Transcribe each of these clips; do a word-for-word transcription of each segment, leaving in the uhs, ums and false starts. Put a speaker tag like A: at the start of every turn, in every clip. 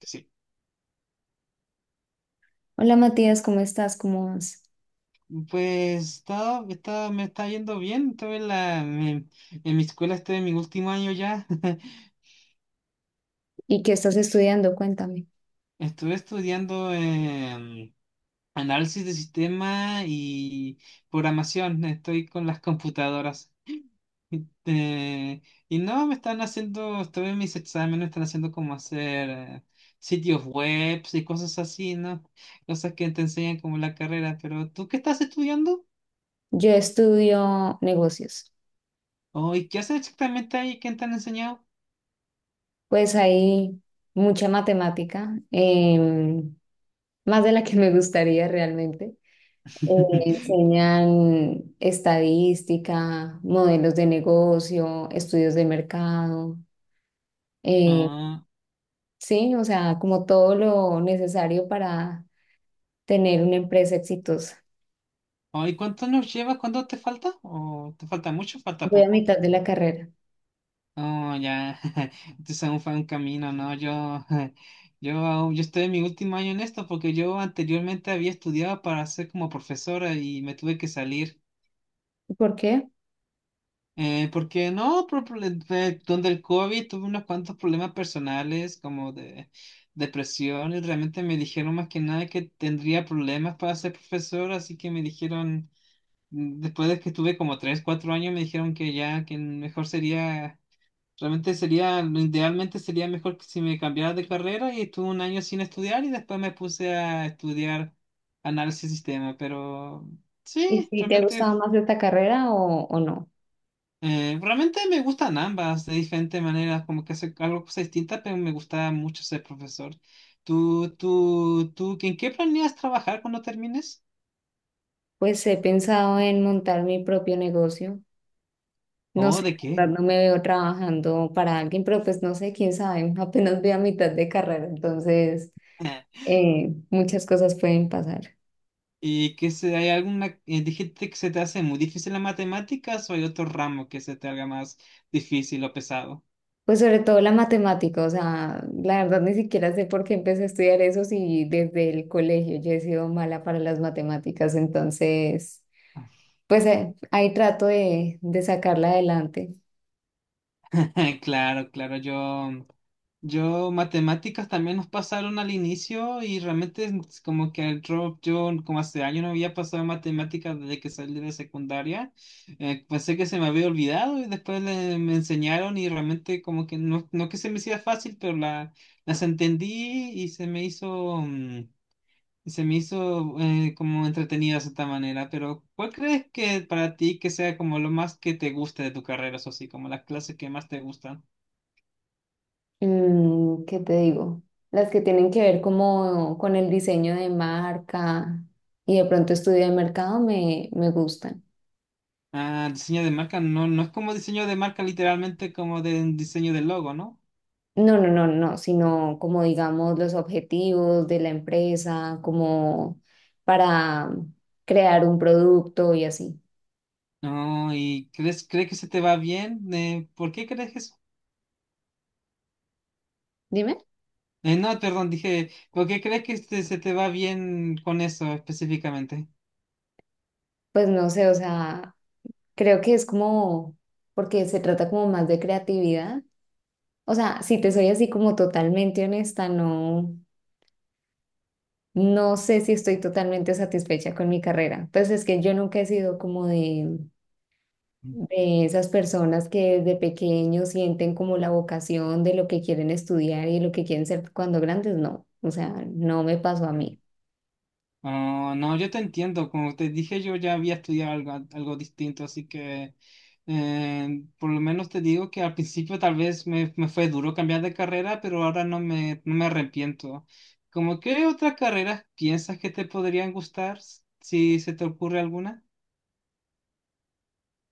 A: Sí.
B: Hola Matías, ¿cómo estás? ¿Cómo vas?
A: Pues todo está- me está yendo bien. Estuve en, la, en, en mi escuela, estoy en mi último año ya.
B: ¿Y qué estás estudiando? Cuéntame.
A: Estuve estudiando em, análisis de sistema y programación. Estoy con las computadoras. Y, eh, y no, me están haciendo, estoy en mis exámenes, me están haciendo como hacer eh, sitios webs y cosas así, ¿no? Cosas que te enseñan como la carrera. Pero ¿tú qué estás estudiando?
B: Yo estudio negocios.
A: Oh, ¿y qué haces exactamente ahí? ¿Qué te han enseñado?
B: Pues hay mucha matemática, em, más de la que me gustaría realmente. Eh, enseñan estadística, modelos de negocio, estudios de mercado. eh,
A: Ah,
B: sí, o sea, como todo lo necesario para tener una empresa exitosa.
A: ay, ¿cuánto nos llevas? ¿Cuánto te falta? ¿O te falta mucho? ¿Falta
B: Voy a
A: poco?
B: mitad de la carrera.
A: Oh, ya. Entonces aún fue un camino, ¿no? Yo, yo, aún- yo estoy en mi último año en esto porque yo anteriormente había estudiado para ser como profesora y me tuve que salir.
B: ¿Por qué?
A: Eh, porque no, por prole- eh, donde el COVID tuve unos cuantos problemas personales como de depresión y realmente me dijeron más que nada que tendría problemas para ser profesora, así que me dijeron. Mm, después de que estuve como tres cuatro años, me dijeron que ya, que mejor sería, realmente sería, idealmente sería mejor que si me cambiara de carrera y estuve un año sin estudiar y después me puse a estudiar análisis de sistema, pero
B: ¿Y
A: sí,
B: si te ha
A: realmente,
B: gustado más esta carrera o, o no?
A: eh, realmente me gustan ambas de diferentes maneras, como que hace algo cosas distintas, pero me gusta mucho ser profesor. ¿Tú, tú, tú, en qué planeas trabajar cuando termines?
B: Pues he pensado en montar mi propio negocio. No
A: ¿O
B: sé,
A: de
B: la
A: qué?
B: verdad, no me veo trabajando para alguien, pero pues no sé, quién sabe, apenas voy a mitad de carrera, entonces eh, muchas cosas pueden pasar.
A: ¿Y que se, hay alguna, eh, dijiste que se te hace muy difícil las matemáticas o hay otro ramo que se te haga más difícil o pesado?
B: Pues sobre todo la matemática, o sea, la verdad ni siquiera sé por qué empecé a estudiar eso si desde el colegio yo he sido mala para las matemáticas, entonces pues eh, ahí trato de, de sacarla adelante.
A: Claro, claro, yo, yo matemáticas también nos pasaron al inicio y realmente es como que el drop, yo como hace años no había pasado matemáticas desde que salí de secundaria, eh, pensé que se me había olvidado y después le- me enseñaron y realmente como que no, no que se me hacía fácil, pero la, las entendí y se me hizo... mm, Se me hizo eh, como entretenido de cierta manera, pero ¿cuál crees que para ti que sea como lo más que te guste de tu carrera, eso sí, como las clases que más te gustan?
B: Mm, ¿qué te digo? Las que tienen que ver como con el diseño de marca y de pronto estudio de mercado me, me gustan.
A: Ah, diseño de marca, no, no es como diseño de marca literalmente como de un diseño del logo, ¿no?
B: No, no, no, no, sino como digamos los objetivos de la empresa, como para crear un producto y así.
A: No, ¿y crees, crees que se te va bien? Eh, ¿por qué crees que eso?
B: Dime,
A: Eh, no, perdón, dije, ¿por qué crees que este- se te va bien con eso específicamente?
B: pues no sé, o sea, creo que es como, porque se trata como más de creatividad. O sea, si te soy así como totalmente honesta, no. No sé si estoy totalmente satisfecha con mi carrera. Pues es que yo nunca he sido como de, de esas personas que desde pequeños sienten como la vocación de lo que quieren estudiar y lo que quieren ser cuando grandes. No, o sea, no me pasó a mí.
A: Ah, no, yo te entiendo, como te dije, yo ya había estudiado algo, algo distinto, así que eh, por lo menos te digo que al principio tal vez me, me fue duro cambiar de carrera, pero ahora no me, no me arrepiento. ¿Cómo qué otras carreras piensas que te podrían gustar, s- si se te ocurre alguna?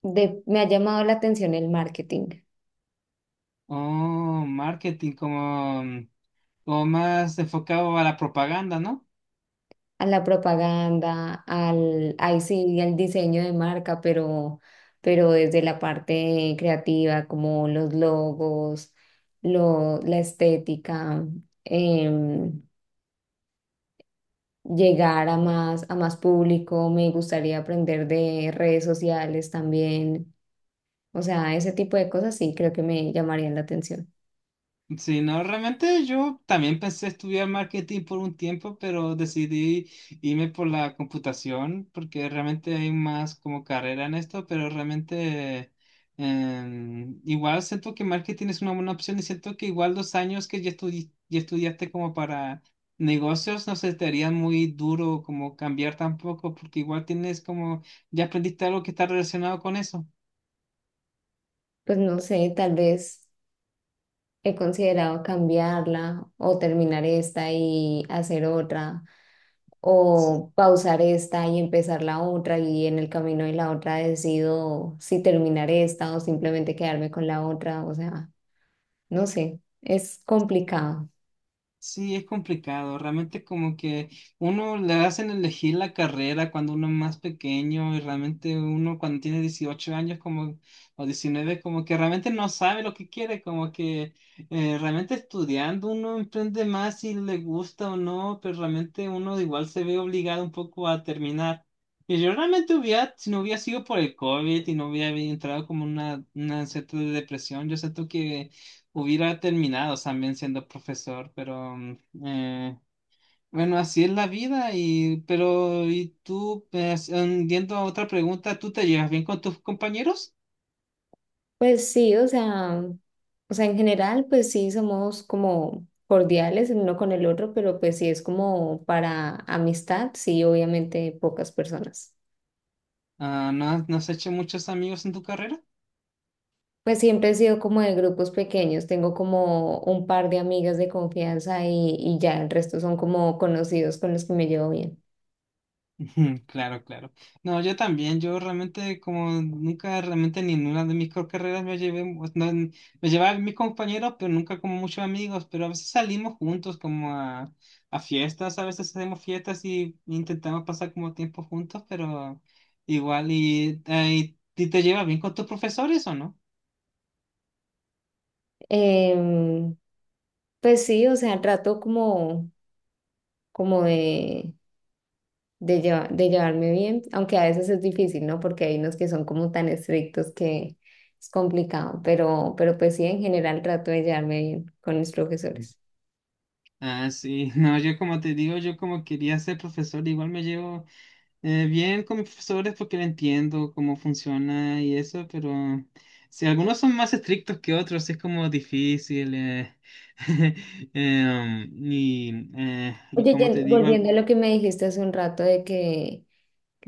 B: De- me ha llamado la atención el marketing,
A: Oh, marketing, como, como más enfocado a la propaganda, ¿no?
B: a la propaganda, al, ahí sí, al diseño de marca, pero, pero desde la parte creativa, como los logos, lo, la estética. em, Llegar a más, a más público, me gustaría aprender de redes sociales también, o sea, ese tipo de cosas sí creo que me llamarían la atención.
A: Sí, no, realmente yo también pensé estudiar marketing por un tiempo, pero decidí irme por la computación porque realmente hay más como carrera en esto, pero realmente em, igual siento que marketing es una buena opción y siento que igual los años que ya, estudi- ya estudiaste como para negocios no se te haría muy duro como cambiar tampoco porque igual tienes como ya aprendiste algo que está relacionado con eso.
B: Pues no sé, tal vez he considerado cambiarla o terminar esta y hacer otra, o pausar esta y empezar la otra y en el camino de la otra decido si terminar esta o simplemente quedarme con la otra, o sea, no sé, es complicado.
A: Sí, es complicado. Realmente como que uno le hacen elegir la carrera cuando uno es más pequeño y realmente uno cuando tiene dieciocho años como o diecinueve como que realmente no sabe lo que quiere, como que eh, realmente estudiando uno emprende más si le gusta o no, pero realmente uno igual se ve obligado un poco a terminar. Y yo realmente hubiera, si no hubiera sido por el COVID y no hubiera entrado como una, una cierta depresión, yo siento que hubiera terminado también siendo profesor, pero mm, eh, bueno, así es la vida. Y pero y tú, pues, mm, yendo a otra pregunta, ¿tú te llevas bien con tus compañeros?
B: Pues sí, o sea, o sea, en general, pues sí somos como cordiales el uno con el otro, pero pues sí es como para amistad, sí, obviamente pocas personas.
A: Ah, ¿no has, no has hecho muchos amigos en tu carrera?
B: Pues siempre he sido como de grupos pequeños, tengo como un par de amigas de confianza y, y ya el resto son como conocidos con los que me llevo bien.
A: Ujú. Claro, claro. No, yo también, yo realmente como nunca realmente ni en una de mis co- carreras me llevé, pues, no, n- me llevaba mis compañeros, pero nunca como muchos amigos, pero a veces salimos juntos como a, a fiestas, a veces hacemos fiestas y intentamos pasar como tiempo juntos, pero igual y, ay, ¿y te llevas bien con tus profesores o no?
B: Em, pues sí, o sea, trato como, como de de, lleva- de llevarme bien, aunque a veces es difícil, ¿no? Porque hay unos que son como tan estrictos que es complicado, pero, pero pues sí, en general trato de llevarme bien con mis profesores.
A: Ah, sí, no, yo como te digo, yo como quería ser profesor, igual me llevo eh, bien con mis profesores porque lo entiendo cómo funciona y eso, pero si algunos son más estrictos que otros, es como difícil. eh, eh, um, y, eh, y
B: Oye,
A: como te
B: Jen,
A: digo, al-
B: volviendo a lo que me dijiste hace un rato de que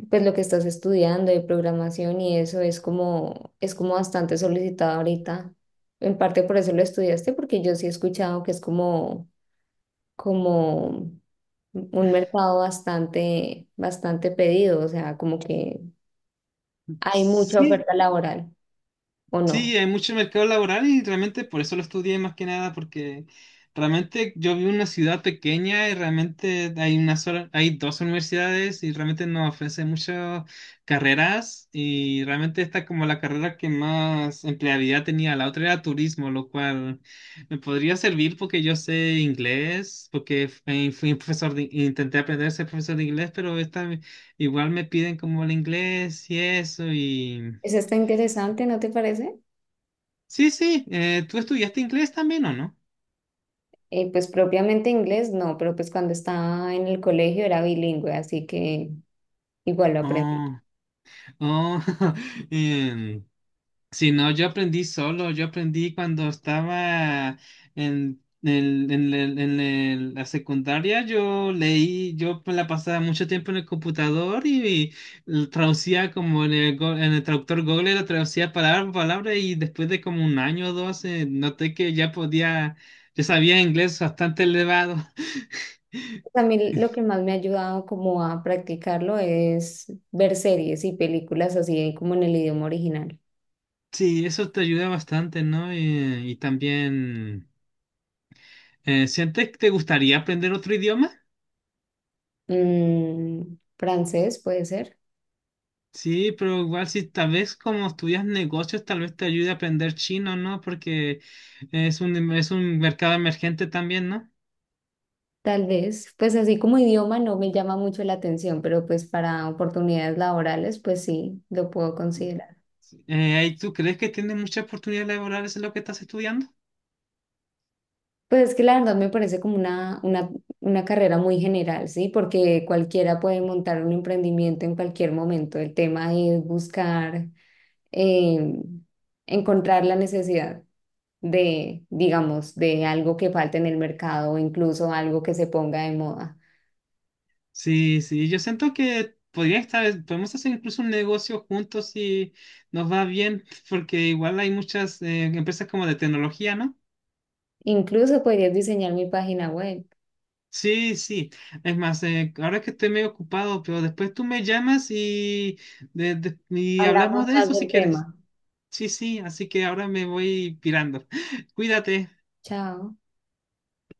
B: pues lo que estás estudiando de programación y eso es como, es como bastante solicitado ahorita. En parte por eso lo estudiaste, porque yo sí he escuchado que es como, como un mercado bastante, bastante pedido, o sea, como que hay mucha
A: sí.
B: oferta laboral, ¿o no?
A: Sí, hay mucho mercado laboral y realmente por eso lo estudié más que nada, porque realmente yo vivo en una ciudad pequeña y realmente hay una sola, hay dos universidades y realmente nos ofrecen muchas carreras y realmente esta como la carrera que más empleabilidad tenía, la otra era turismo, lo cual me podría servir porque yo sé inglés, porque fui fui profesor de- intenté aprender a ser profesor de inglés, pero esta igual me piden como el inglés y eso.
B: Eso está interesante, ¿no te parece?
A: Sí, sí, eh, ¿tú estudiaste inglés también o no?
B: Eh, pues propiamente inglés, no, pero pues cuando estaba en el colegio era bilingüe, así que igual lo aprendí.
A: Oh, oh, em, sí, no, yo aprendí solo, yo aprendí cuando estaba en, el- en el- en el- la secundaria, yo leí, yo me la pasaba mucho tiempo en el computador y, y traducía como en el, go- en el traductor Google, lo traducía palabra por palabra y después de como un año o dos, eh, noté que ya podía, yo sabía inglés bastante elevado.
B: A mí lo que más me ha ayudado como a practicarlo es ver series y películas así como en el idioma original.
A: Sí, eso te ayuda bastante, ¿no? Eh, y también, eh, ¿sientes que te gustaría aprender otro idioma?
B: Mm, francés puede ser,
A: Sí, pero igual si tal vez como estudias negocios, tal vez te ayude a aprender chino, ¿no? Porque es un, em, es un mercado emergente también, ¿no?
B: tal vez. Pues así como idioma no me llama mucho la atención, pero pues para oportunidades laborales, pues sí, lo puedo considerar.
A: Eh, ¿y tú crees que tienes muchas oportunidades laborales en lo que estás estudiando?
B: Pues es que la verdad me parece como una, una, una carrera muy general, ¿sí? Porque cualquiera puede montar un emprendimiento en cualquier momento. El tema es buscar, eh, encontrar la necesidad de, digamos, de algo que falte en el mercado o incluso algo que se ponga de moda.
A: Sí, sí, yo siento que podría estar, podemos hacer incluso un negocio juntos si nos va bien, porque igual hay muchas eh, empresas como de tecnología, ¿no?
B: Incluso podrías diseñar mi página web.
A: Sí, sí. Es más, eh, ahora que estoy medio ocupado, pero después tú me llamas y, de- de- y
B: Hablamos
A: hablamos de
B: más
A: eso si
B: del
A: quieres.
B: tema.
A: Sí, sí, así que ahora me voy pirando. Cuídate.
B: Chao.